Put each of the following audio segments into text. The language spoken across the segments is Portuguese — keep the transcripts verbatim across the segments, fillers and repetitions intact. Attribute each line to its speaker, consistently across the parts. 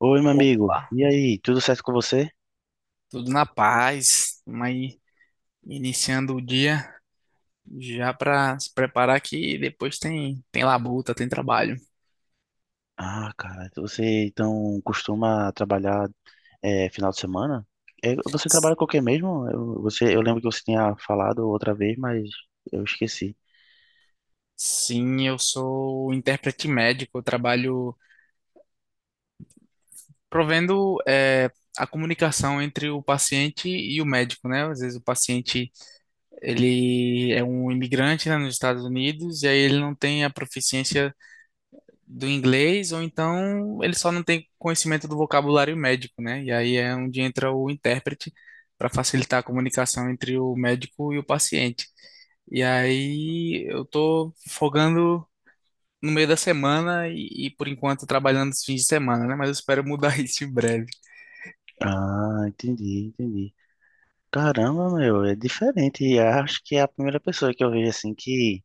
Speaker 1: Oi, meu amigo.
Speaker 2: Opa,
Speaker 1: E aí, tudo certo com você?
Speaker 2: tudo na paz. Vamos aí iniciando o dia já para se preparar que depois tem tem labuta, tem trabalho.
Speaker 1: Ah, cara, você então costuma trabalhar é, final de semana? É, você
Speaker 2: S-
Speaker 1: trabalha com o quê mesmo? Eu, você, eu lembro que você tinha falado outra vez, mas eu esqueci.
Speaker 2: Sim, eu sou intérprete médico, eu trabalho provendo eh, a comunicação entre o paciente e o médico, né? Às vezes o paciente ele é um imigrante, né, nos Estados Unidos e aí ele não tem a proficiência do inglês, ou então ele só não tem conhecimento do vocabulário médico, né? E aí é onde entra o intérprete para facilitar a comunicação entre o médico e o paciente. E aí eu tô folgando no meio da semana e, e por enquanto trabalhando os fins de semana, né? Mas eu espero mudar isso em breve.
Speaker 1: Ah, entendi, entendi. Caramba, meu, é diferente. E acho que é a primeira pessoa que eu vejo assim que,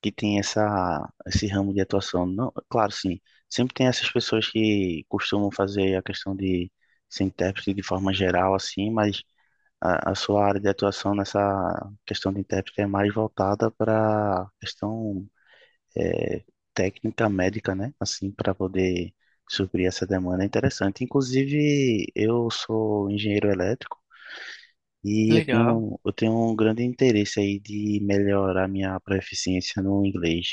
Speaker 1: que tem essa, esse ramo de atuação. Não, claro, sim. Sempre tem essas pessoas que costumam fazer a questão de ser intérprete de forma geral, assim, mas. a, a sua área de atuação nessa questão de intérprete é mais voltada para questão é, técnica médica, né? Assim, para poder suprir essa demanda é interessante. Inclusive, eu sou engenheiro elétrico e eu
Speaker 2: Legal.
Speaker 1: tenho, eu tenho um grande interesse aí de melhorar minha proficiência no inglês.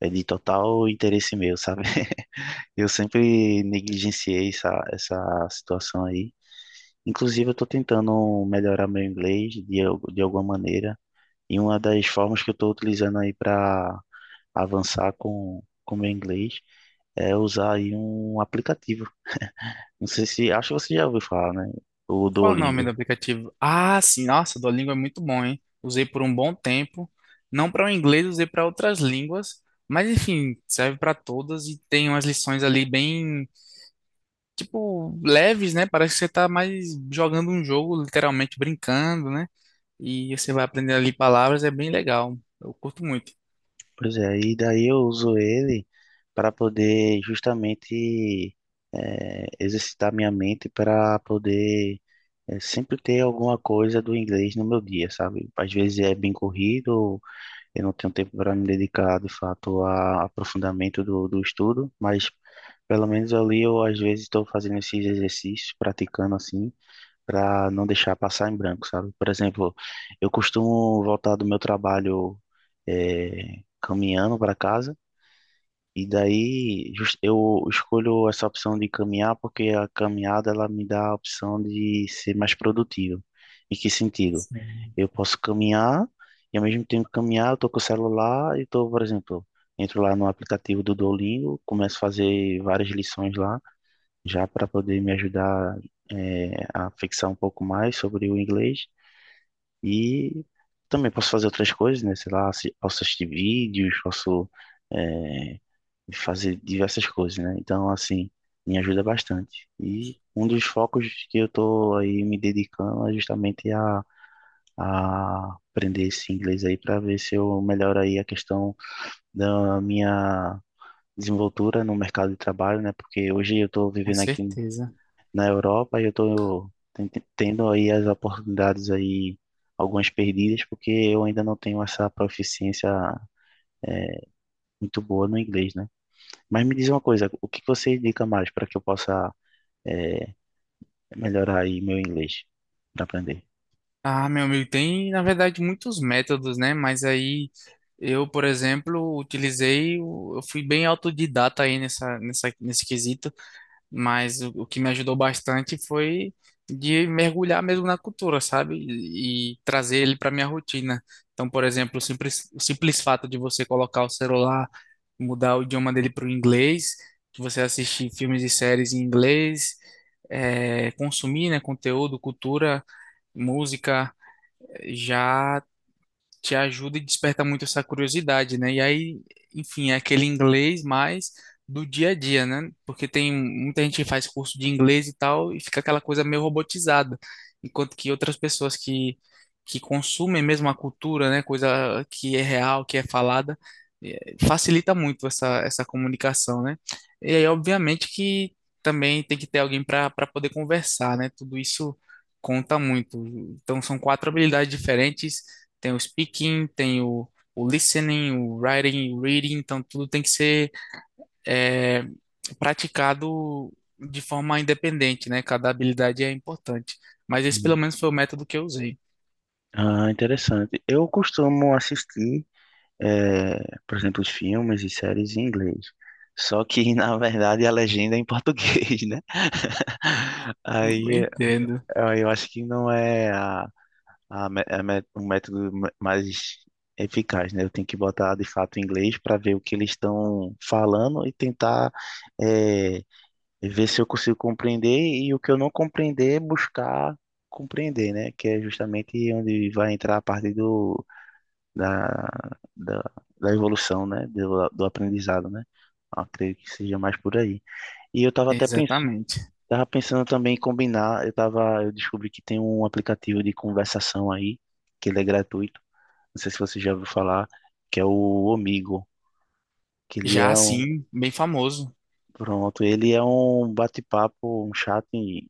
Speaker 1: É de total interesse meu, sabe? Eu sempre negligenciei essa, essa situação aí. Inclusive, eu estou tentando melhorar meu inglês de, al- de alguma maneira. E uma das formas que eu estou utilizando aí para avançar com com meu inglês é usar aí um aplicativo. Não sei se, acho que você já ouviu falar, né? O
Speaker 2: Qual o nome
Speaker 1: Duolingo.
Speaker 2: do aplicativo? Ah, sim, nossa, Duolingo é muito bom, hein? Usei por um bom tempo, não para o inglês, usei para outras línguas, mas enfim, serve para todas e tem umas lições ali bem, tipo, leves, né? Parece que você tá mais jogando um jogo, literalmente brincando, né? E você vai aprendendo ali palavras, é bem legal. Eu curto muito.
Speaker 1: Pois é, e daí eu uso ele para poder justamente eh, exercitar minha mente para poder eh, sempre ter alguma coisa do inglês no meu dia, sabe? Às vezes é bem corrido. Eu não tenho tempo para me dedicar, de fato, a aprofundamento do, do estudo, mas pelo menos ali eu, às vezes, estou fazendo esses exercícios, praticando assim, para não deixar passar em branco, sabe? Por exemplo, eu costumo voltar do meu trabalho eh, caminhando para casa. E daí jus- eu escolho essa opção de caminhar porque a caminhada ela me dá a opção de ser mais produtivo. Em que sentido?
Speaker 2: Sim.
Speaker 1: Eu posso caminhar e ao mesmo tempo caminhar, eu tô com o celular e tô, por exemplo, entro lá no aplicativo do Duolingo, começo a fazer várias lições lá, já para poder me ajudar eh, a fixar um pouco mais sobre o inglês. E também posso fazer outras coisas, né? Sei lá, assi- posso assistir vídeos, posso é, de fazer diversas coisas, né? Então, assim, me ajuda bastante. E um dos focos que eu tô aí me dedicando é justamente a, a aprender esse inglês aí para ver se eu melhoro aí a questão da minha desenvoltura no mercado de trabalho, né? Porque hoje eu tô
Speaker 2: Com
Speaker 1: vivendo aqui
Speaker 2: certeza.
Speaker 1: na Europa e eu tô ten- tendo aí as oportunidades aí, algumas perdidas, porque eu ainda não tenho essa proficiência muito boa no inglês, né? Mas me diz uma coisa, o que que você indica mais para que eu possa é, é melhorar aí meu inglês para aprender.
Speaker 2: Ah, meu amigo, tem na verdade muitos métodos, né? Mas aí eu, por exemplo, utilizei, o- eu fui bem autodidata aí nessa, nessa, nesse quesito, mas o, o que me ajudou bastante foi de mergulhar mesmo na cultura, sabe? E, e trazer ele para minha rotina. Então, por exemplo, o simples, o simples fato de você colocar o celular, mudar o idioma dele para o inglês, de você assistir filmes e séries em inglês, eh, consumir, né, conteúdo, cultura, música já te ajuda e desperta muito essa curiosidade, né? E aí, enfim, é aquele inglês mais do dia a dia, né? Porque tem muita gente que faz curso de inglês e tal e fica aquela coisa meio robotizada, enquanto que outras pessoas que que consumem mesmo a cultura, né? Coisa que é real, que é falada, eh, facilita muito essa essa comunicação, né? E aí, obviamente que também tem que ter alguém para para poder conversar, né? Tudo isso conta muito. Então, são quatro habilidades diferentes, tem o speaking, tem o, o listening, o writing, o reading, então tudo tem que ser é, praticado de forma independente, né? Cada habilidade é importante. Mas esse pelo
Speaker 1: Hum.
Speaker 2: menos foi o método que eu usei.
Speaker 1: Ah, interessante. Eu costumo assistir, é, por exemplo, os filmes e séries em inglês. Só que, na verdade, a legenda é em português, né? Aí,
Speaker 2: Entendo.
Speaker 1: eh, eu acho que não é a, a, mé- a mé- o método ma- mais eficaz, né? Eu tenho que botar de fato em inglês para ver o que eles estão falando e tentar é, e ver se eu consigo compreender e o que eu não compreender, buscar compreender, né? Que é justamente onde vai entrar a parte do, da, da, da evolução, né? Do, do aprendizado, né? Eu acredito que seja mais por aí. E eu tava até pensando,
Speaker 2: Exatamente.
Speaker 1: tava pensando também em combinar, eu tava, eu descobri que tem um aplicativo de conversação aí, que ele é gratuito, não sei se você já ouviu falar, que é o Omigo, que ele
Speaker 2: Já
Speaker 1: é um
Speaker 2: assim, bem famoso.
Speaker 1: Pronto, ele é um bate-papo, um chat, e,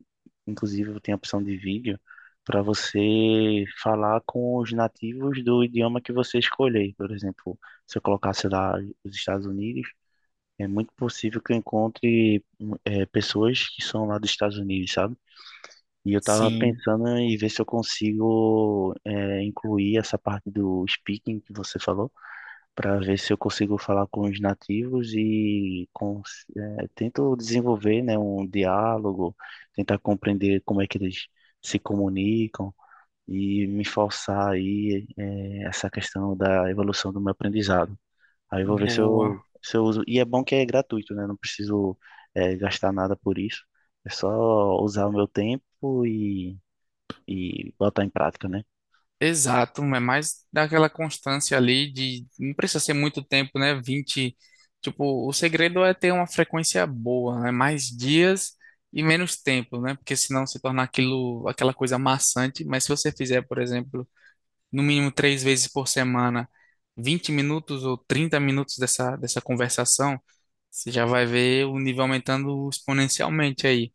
Speaker 1: inclusive tem a opção de vídeo para você falar com os nativos do idioma que você escolher. Por exemplo, se eu colocasse lá os Estados Unidos, é muito possível que eu encontre hum, eh, pessoas que são lá dos Estados Unidos, sabe? E eu estava
Speaker 2: Sim,
Speaker 1: pensando em ver se eu consigo eh, incluir essa parte do speaking que você falou para ver se eu consigo falar com os nativos e cons- eh, tento desenvolver, né, um diálogo, tentar compreender como é que eles se comunicam e me forçar aí eh, essa questão da evolução do meu aprendizado. Aí eu vou ver se eu,
Speaker 2: boa.
Speaker 1: se eu uso. E é bom que é gratuito, né? Não preciso eh, gastar nada por isso. É só usar o meu tempo e, e botar em prática, né?
Speaker 2: Exato, é mais daquela constância ali de não precisa ser muito tempo, né? vinte tipo, o segredo é ter uma frequência boa, né? Mais dias e menos tempo, né? Porque senão se torna aquilo, aquela coisa maçante, mas se você fizer, por exemplo, no mínimo três vezes por semana, vinte minutos ou trinta minutos dessa, dessa conversação, você já vai ver o nível aumentando exponencialmente aí.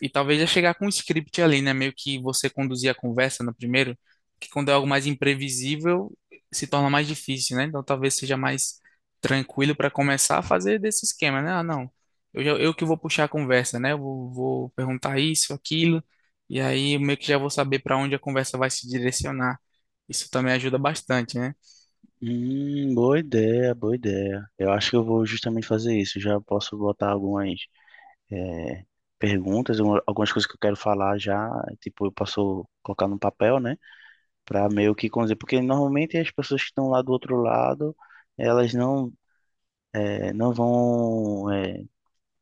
Speaker 2: E talvez já chegar com um script ali, né? Meio que você conduzir a conversa no primeiro, que quando é algo mais imprevisível, se torna mais difícil, né? Então talvez seja mais tranquilo para começar a fazer desse esquema, né? Ah, não, eu, já- eu que vou puxar a conversa, né? Eu vou, vou perguntar isso, aquilo, e aí eu meio que já vou saber para onde a conversa vai se direcionar. Isso também ajuda bastante, né?
Speaker 1: Hum, boa ideia, boa ideia. Eu acho que eu vou justamente fazer isso. Já posso botar algumas eh, perguntas, um- algumas coisas que eu quero falar já. Tipo, eu posso colocar num papel, né? Pra meio que conduzir. Porque normalmente as pessoas que estão lá do outro lado, elas não, eh, não vão eh,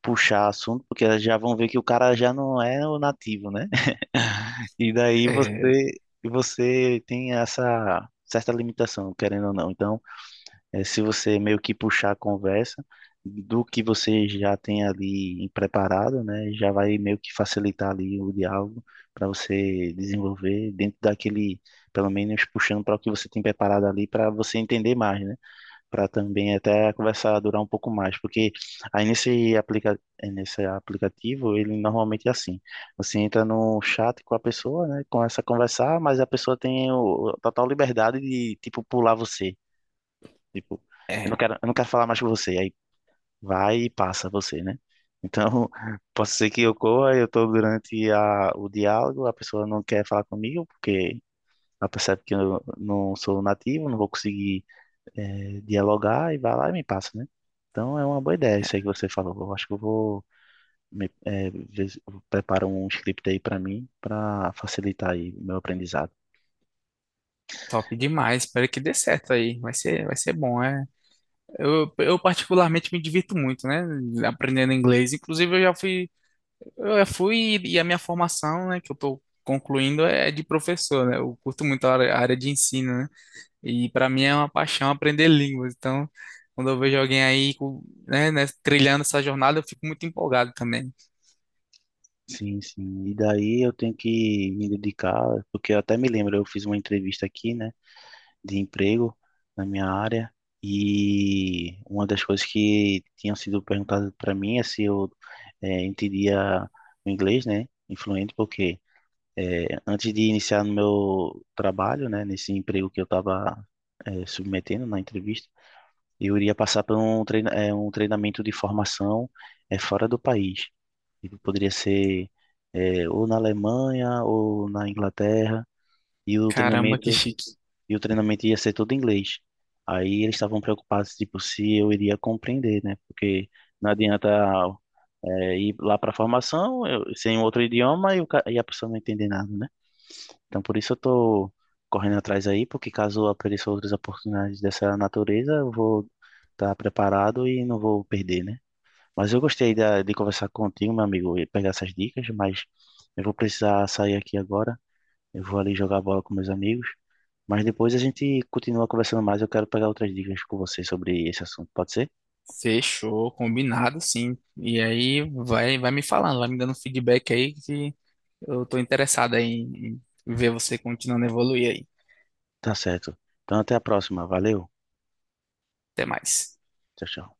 Speaker 1: puxar assunto, porque elas já vão ver que o cara já não é o nativo, né? E daí você,
Speaker 2: É,
Speaker 1: você tem essa certa limitação, querendo ou não. Então eh, se você meio que puxar a conversa do que você já tem ali preparado, né, já vai meio que facilitar ali o diálogo para você desenvolver dentro daquele, pelo menos puxando para o que você tem preparado ali para você entender mais, né, para também até a conversa durar um pouco mais, porque aí nesse aplica eh, nesse aplicativo ele normalmente é assim, você entra no chat com a pessoa, né, começa a conversar, mas a pessoa tem o, total liberdade de tipo pular você. Tipo, eu
Speaker 2: é
Speaker 1: não quero, eu não quero falar mais com você. Aí vai e passa você, né? Então, posso ser que ocorra, eu tô durante a, o diálogo, a pessoa não quer falar comigo, porque ela percebe que eu não sou nativo, não vou conseguir eh, dialogar, e vai lá e me passa, né? Então, é uma boa ideia isso aí que você falou. Eu acho que eu vou me, eh, ver se eu preparo um script aí para mim, para facilitar aí o meu aprendizado.
Speaker 2: top demais. Espero que dê certo aí. Vai ser, vai ser bom, é. Eu, eu particularmente me divirto muito, né? Aprendendo inglês. Inclusive, eu já fui, eu já fui e a minha formação, né, que eu tô concluindo é de professor, né? Eu curto muito a área, a área de ensino, né? E para mim é uma paixão aprender línguas. Então, quando eu vejo alguém aí, com- né, né, trilhando essa jornada, eu fico muito empolgado também.
Speaker 1: Sim, sim. E daí eu tenho que me dedicar, porque eu até me lembro, eu fiz uma entrevista aqui, né? De emprego na minha área e uma das coisas que tinham sido perguntadas para mim é se eu eh, entendia o inglês, né, influente, porque eh, antes de iniciar no meu trabalho, né, nesse emprego que eu estava submetendo na entrevista, eu iria passar por um, treina, eh, um treinamento de formação eh, fora do país. Ele poderia ser eh, ou na Alemanha ou na Inglaterra. E o
Speaker 2: Caramba, que
Speaker 1: treinamento
Speaker 2: chique.
Speaker 1: e o treinamento ia ser todo em inglês. Aí eles estavam preocupados, tipo, se eu iria compreender, né? Porque não adianta é, ir lá para a formação eu- sem um outro idioma e, o ca- e a pessoa não entender nada, né? Então por isso eu tô correndo atrás aí, porque caso apareçam outras oportunidades dessa natureza, eu vou estar preparado e não vou perder, né? Mas eu gostei da, de conversar contigo, meu amigo, e pegar essas dicas, mas eu vou precisar sair aqui agora. Eu vou ali jogar bola com meus amigos. Mas depois a gente continua conversando mais. Eu quero pegar outras dicas com você sobre esse assunto. Pode ser?
Speaker 2: Fechou, combinado, sim. E aí vai, vai me falando, vai me dando feedback aí que eu tô interessado aí em em ver você continuando a evoluir aí.
Speaker 1: Tá certo. Então até a próxima. Valeu.
Speaker 2: Até mais.
Speaker 1: Tchau, tchau.